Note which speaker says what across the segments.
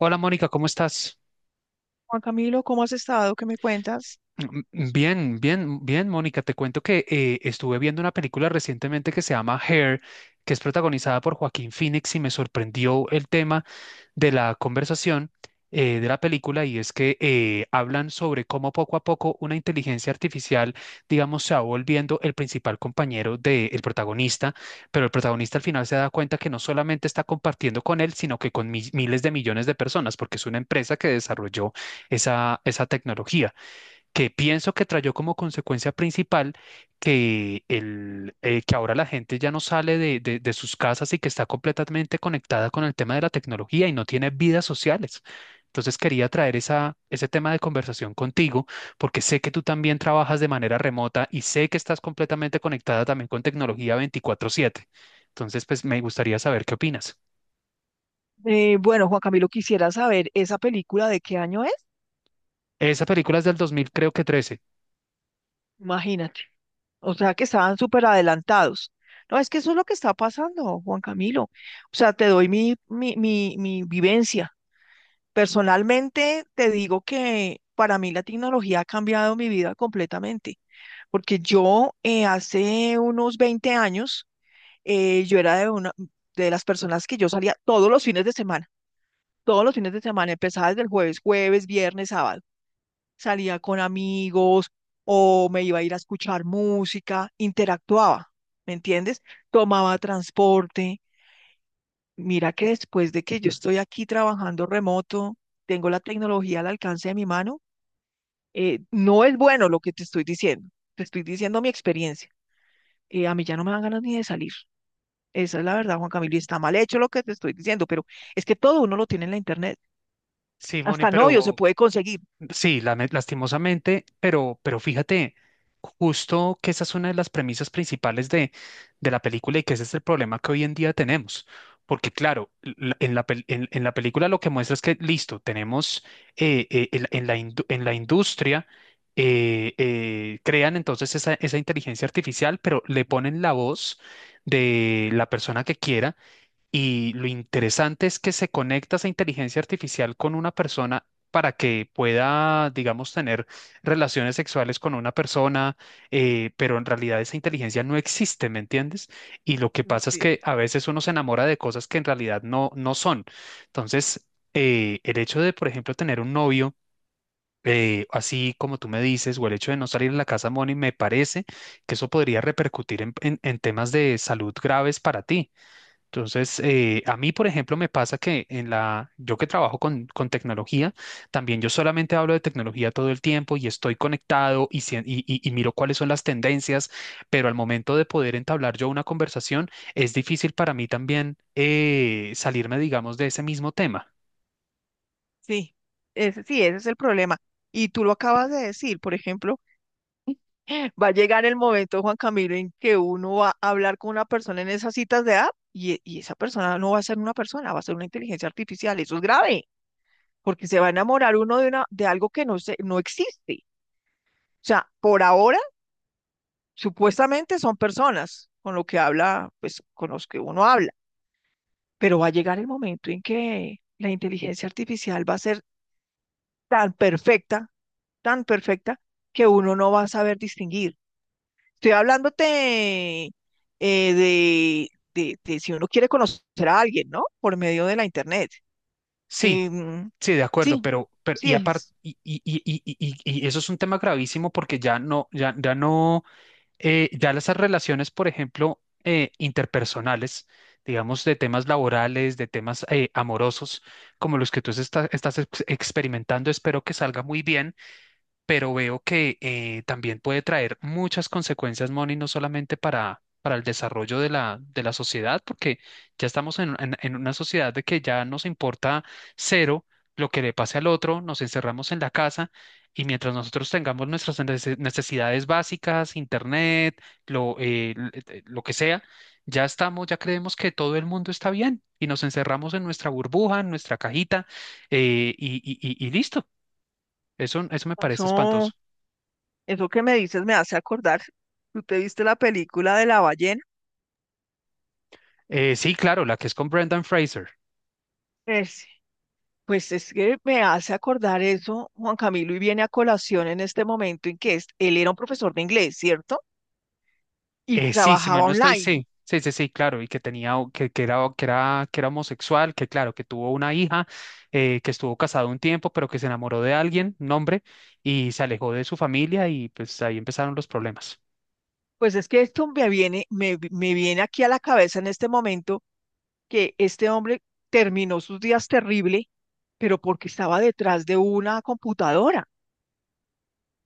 Speaker 1: Hola Mónica, ¿cómo estás?
Speaker 2: Juan Camilo, ¿cómo has estado? ¿Qué me cuentas?
Speaker 1: Bien, Mónica. Te cuento que estuve viendo una película recientemente que se llama Hair, que es protagonizada por Joaquín Phoenix y me sorprendió el tema de la conversación de la película y es que hablan sobre cómo poco a poco una inteligencia artificial, digamos, se va volviendo el principal compañero del protagonista, pero el protagonista al final se da cuenta que no solamente está compartiendo con él, sino que con miles de millones de personas, porque es una empresa que desarrolló esa tecnología que pienso que trayó como consecuencia principal que ahora la gente ya no sale de sus casas y que está completamente conectada con el tema de la tecnología y no tiene vidas sociales. Entonces quería traer ese tema de conversación contigo porque sé que tú también trabajas de manera remota y sé que estás completamente conectada también con tecnología 24/7. Entonces, pues me gustaría saber qué opinas.
Speaker 2: Bueno, Juan Camilo, quisiera saber, ¿esa película de qué año es?
Speaker 1: Esa película es del 2000, creo que 13.
Speaker 2: Imagínate. O sea, que estaban súper adelantados. No, es que eso es lo que está pasando, Juan Camilo. O sea, te doy mi vivencia. Personalmente, te digo que para mí la tecnología ha cambiado mi vida completamente, porque yo hace unos 20 años, yo era de, una, de las personas que yo salía todos los fines de semana. Todos los fines de semana, empezaba desde el jueves, viernes, sábado. Salía con amigos o me iba a ir a escuchar música, interactuaba, ¿me entiendes? Tomaba transporte. Mira que después de que yo estoy aquí trabajando remoto, tengo la tecnología al alcance de mi mano, no es bueno lo que te estoy diciendo mi experiencia. A mí ya no me dan ganas ni de salir. Esa es la verdad, Juan Camilo, y está mal hecho lo que te estoy diciendo, pero es que todo uno lo tiene en la internet.
Speaker 1: Sí, Moni,
Speaker 2: Hasta novio se
Speaker 1: pero
Speaker 2: puede conseguir.
Speaker 1: sí, lastimosamente, pero fíjate, justo que esa es una de las premisas principales de la película y que ese es el problema que hoy en día tenemos. Porque claro, en en la película lo que muestra es que, listo, tenemos en la en la industria, crean entonces esa inteligencia artificial, pero le ponen la voz de la persona que quiera y lo interesante es que se conecta esa inteligencia artificial con una persona para que pueda, digamos, tener relaciones sexuales con una persona, pero en realidad esa inteligencia no existe, ¿me entiendes? Y lo que pasa es
Speaker 2: Sí.
Speaker 1: que a veces uno se enamora de cosas que en realidad no son. Entonces, el hecho de, por ejemplo, tener un novio, así como tú me dices, o el hecho de no salir de la casa, Moni, me parece que eso podría repercutir en en temas de salud graves para ti. Entonces, a mí, por ejemplo, me pasa que en la, yo que trabajo con tecnología, también yo solamente hablo de tecnología todo el tiempo y estoy conectado y y- miro cuáles son las tendencias, pero al momento de poder entablar yo una conversación, es difícil para mí también salirme, digamos, de ese mismo tema.
Speaker 2: Sí, sí, ese es el problema. Y tú lo acabas de decir, por ejemplo, va a llegar el momento, Juan Camilo, en que uno va a hablar con una persona en esas citas de app y, y esa persona no va a ser una persona, va a ser una inteligencia artificial. Eso es grave, porque se va a enamorar uno de, una, de algo que no, se, no existe. O sea, por ahora, supuestamente son personas con lo que habla, pues con los que uno habla, pero va a llegar el momento en que la inteligencia artificial va a ser tan perfecta, tan perfecta, que uno no va a saber distinguir. Estoy hablándote de, de si uno quiere conocer a alguien, ¿no? Por medio de la internet.
Speaker 1: Sí,
Speaker 2: Em,
Speaker 1: sí, de acuerdo,
Speaker 2: sí,
Speaker 1: pero
Speaker 2: sí
Speaker 1: y aparte,
Speaker 2: es.
Speaker 1: y eso es un tema gravísimo porque ya ya no. Ya las relaciones, por ejemplo, interpersonales, digamos, de temas laborales, de temas amorosos, como los que tú estás experimentando, espero que salga muy bien, pero veo que también puede traer muchas consecuencias, Moni, no solamente para el desarrollo de de la sociedad, porque ya estamos en, en una sociedad de que ya nos importa cero lo que le pase al otro, nos encerramos en la casa y mientras nosotros tengamos nuestras necesidades básicas, internet, lo que sea, ya estamos, ya creemos que todo el mundo está bien y nos encerramos en nuestra burbuja, en nuestra cajita eh, y, y listo. Eso me parece espantoso.
Speaker 2: Eso, eso que me dices me hace acordar. ¿Tú te viste la película de la ballena?
Speaker 1: Sí, claro, la que es con Brendan Fraser.
Speaker 2: Es- pues es que me hace acordar eso, Juan Camilo, y viene a colación en este momento en que él era un profesor de inglés, ¿cierto? Y
Speaker 1: Sí, si mal
Speaker 2: trabajaba
Speaker 1: no estoy,
Speaker 2: online.
Speaker 1: sí, claro, y que tenía, que era homosexual, que claro, que tuvo una hija, que estuvo casado un tiempo, pero que se enamoró de alguien, un hombre, y se alejó de su familia y pues ahí empezaron los problemas.
Speaker 2: Pues es que esto me viene, me viene aquí a la cabeza en este momento que este hombre terminó sus días terrible, pero porque estaba detrás de una computadora.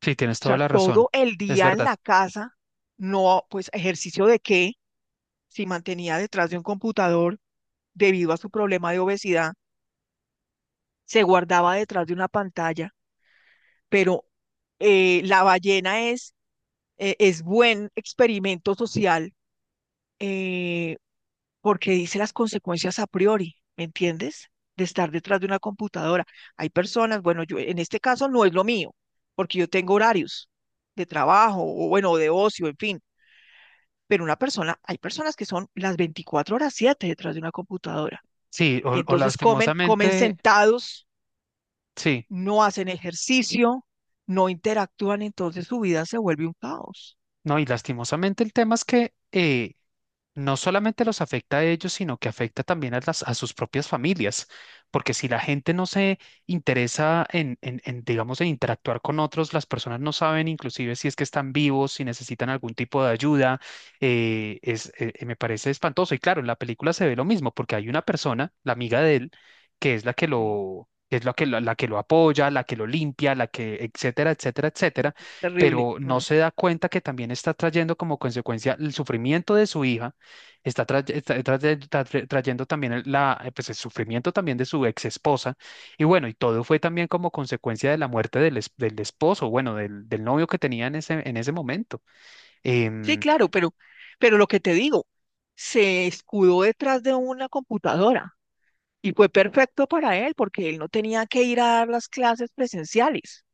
Speaker 1: Sí, tienes
Speaker 2: O
Speaker 1: toda
Speaker 2: sea,
Speaker 1: la razón,
Speaker 2: todo el
Speaker 1: es
Speaker 2: día en
Speaker 1: verdad.
Speaker 2: la casa, no, pues ejercicio de qué, si mantenía detrás de un computador debido a su problema de obesidad, se guardaba detrás de una pantalla, pero la ballena es buen experimento social. eh, Porque dice las consecuencias a priori, ¿me entiendes? De estar detrás de una computadora. Hay personas, bueno, yo en este caso no es lo mío, porque yo tengo horarios de trabajo o bueno, de ocio, en fin, pero una persona, hay personas que son las 24 horas 7 detrás de una computadora
Speaker 1: Sí,
Speaker 2: y
Speaker 1: o
Speaker 2: entonces comen, comen
Speaker 1: lastimosamente,
Speaker 2: sentados,
Speaker 1: sí.
Speaker 2: no hacen ejercicio, no interactúan, entonces su vida se vuelve un caos.
Speaker 1: No, y lastimosamente el tema es que no solamente los afecta a ellos, sino que afecta también a a sus propias familias, porque si la gente no se interesa en, digamos, en interactuar con otros, las personas no saben inclusive si es que están vivos, si necesitan algún tipo de ayuda, me parece espantoso. Y claro, en la película se ve lo mismo, porque hay una persona, la amiga de él, que es la que
Speaker 2: Sí,
Speaker 1: lo... que Es la que la que lo apoya, la que lo limpia, la que, etcétera, etcétera, etcétera,
Speaker 2: es terrible.
Speaker 1: pero no
Speaker 2: Mm.
Speaker 1: se da cuenta que también está trayendo como consecuencia el sufrimiento de su hija, está trayendo también pues el sufrimiento también de su ex esposa, y bueno, y todo fue también como consecuencia de la muerte del, del esposo, bueno, del novio que tenía en en ese momento.
Speaker 2: Sí,
Speaker 1: Em,
Speaker 2: claro, pero lo que te digo, se escudó detrás de una computadora y fue perfecto para él porque él no tenía que ir a dar las clases presenciales.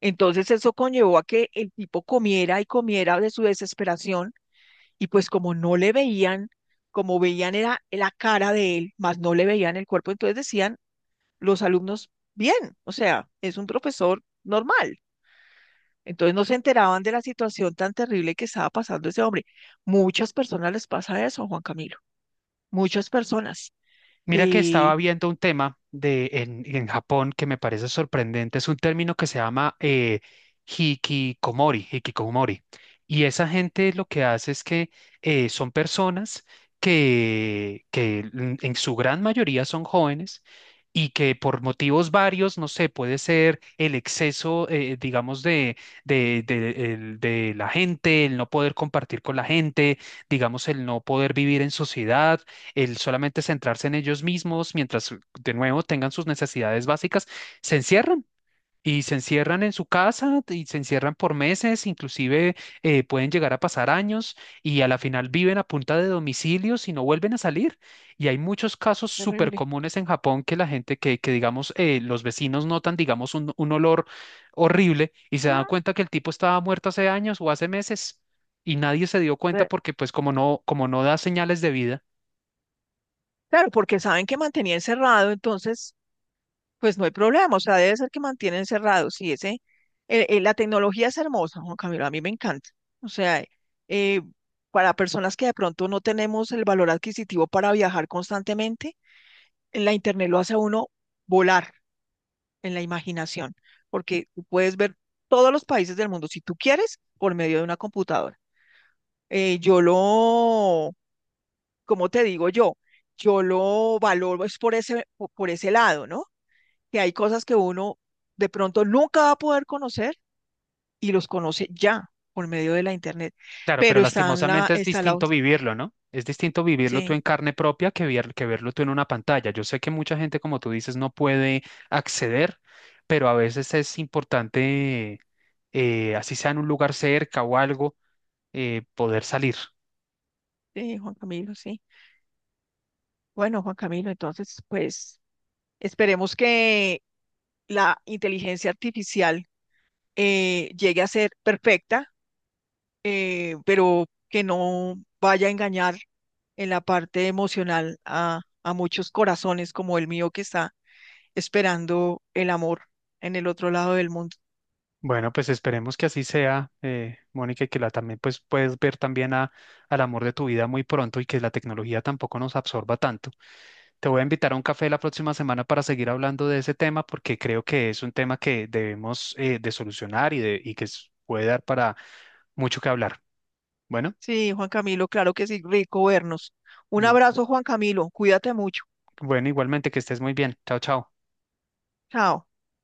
Speaker 2: Entonces eso conllevó a que el tipo comiera y comiera de su desesperación. Y pues como no le veían, como veían era la cara de él, más no le veían el cuerpo, entonces decían los alumnos, bien, o sea, es un profesor normal. Entonces no se enteraban de la situación tan terrible que estaba pasando ese hombre. Muchas personas les pasa eso, Juan Camilo. Muchas personas.
Speaker 1: Mira que estaba
Speaker 2: Eh,
Speaker 1: viendo un tema en Japón que me parece sorprendente. Es un término que se llama hikikomori. Y esa gente lo que hace es que son personas que en su gran mayoría son jóvenes y que por motivos varios, no sé, puede ser el exceso, digamos, de de la gente, el no poder compartir con la gente, digamos, el no poder vivir en sociedad, el solamente centrarse en ellos mismos mientras de nuevo tengan sus necesidades básicas, se encierran. Y se encierran en su casa y se encierran por meses, inclusive pueden llegar a pasar años y a la final viven a punta de domicilios y no vuelven a salir. Y hay muchos casos súper
Speaker 2: terrible.
Speaker 1: comunes en Japón que la gente que digamos, los vecinos notan, digamos, un olor horrible y se dan
Speaker 2: Ah,
Speaker 1: cuenta que el tipo estaba muerto hace años o hace meses y nadie se dio cuenta
Speaker 2: eh,
Speaker 1: porque pues como no da señales de vida.
Speaker 2: claro, porque saben que mantenía encerrado, entonces pues no hay problema, o sea, debe ser que mantienen cerrados, sí, ese, la tecnología es hermosa, Juan Camilo, a mí me encanta. O sea, eh, para personas que de pronto no tenemos el valor adquisitivo para viajar constantemente, la internet lo hace a uno volar en la imaginación, porque tú puedes ver todos los países del mundo, si tú quieres, por medio de una computadora. Yo lo, como te digo yo? Yo lo valoro es por ese, por ese lado, ¿no? Que hay cosas que uno de pronto nunca va a poder conocer y los conoce ya por medio de la internet.
Speaker 1: Claro, pero
Speaker 2: Pero está en la,
Speaker 1: lastimosamente es
Speaker 2: está la,
Speaker 1: distinto vivirlo, ¿no? Es distinto vivirlo tú
Speaker 2: sí,
Speaker 1: en carne propia que, que verlo tú en una pantalla. Yo sé que mucha gente, como tú dices, no puede acceder, pero a veces es importante, así sea en un lugar cerca o algo, poder salir.
Speaker 2: sí, Juan Camilo, sí. Bueno, Juan Camilo, entonces, pues esperemos que la inteligencia artificial llegue a ser perfecta, pero que no vaya a engañar en la parte emocional a muchos corazones como el mío que está esperando el amor en el otro lado del mundo.
Speaker 1: Bueno, pues esperemos que así sea, Mónica, y que la también pues puedes ver también a, al amor de tu vida muy pronto y que la tecnología tampoco nos absorba tanto. Te voy a invitar a un café la próxima semana para seguir hablando de ese tema porque creo que es un tema que debemos de solucionar y que puede dar para mucho que hablar. Bueno,
Speaker 2: Sí, Juan Camilo, claro que sí, rico vernos. Un
Speaker 1: bu-
Speaker 2: abrazo, Juan Camilo, cuídate mucho.
Speaker 1: bueno, igualmente que estés muy bien. Chao, chao.
Speaker 2: Chao.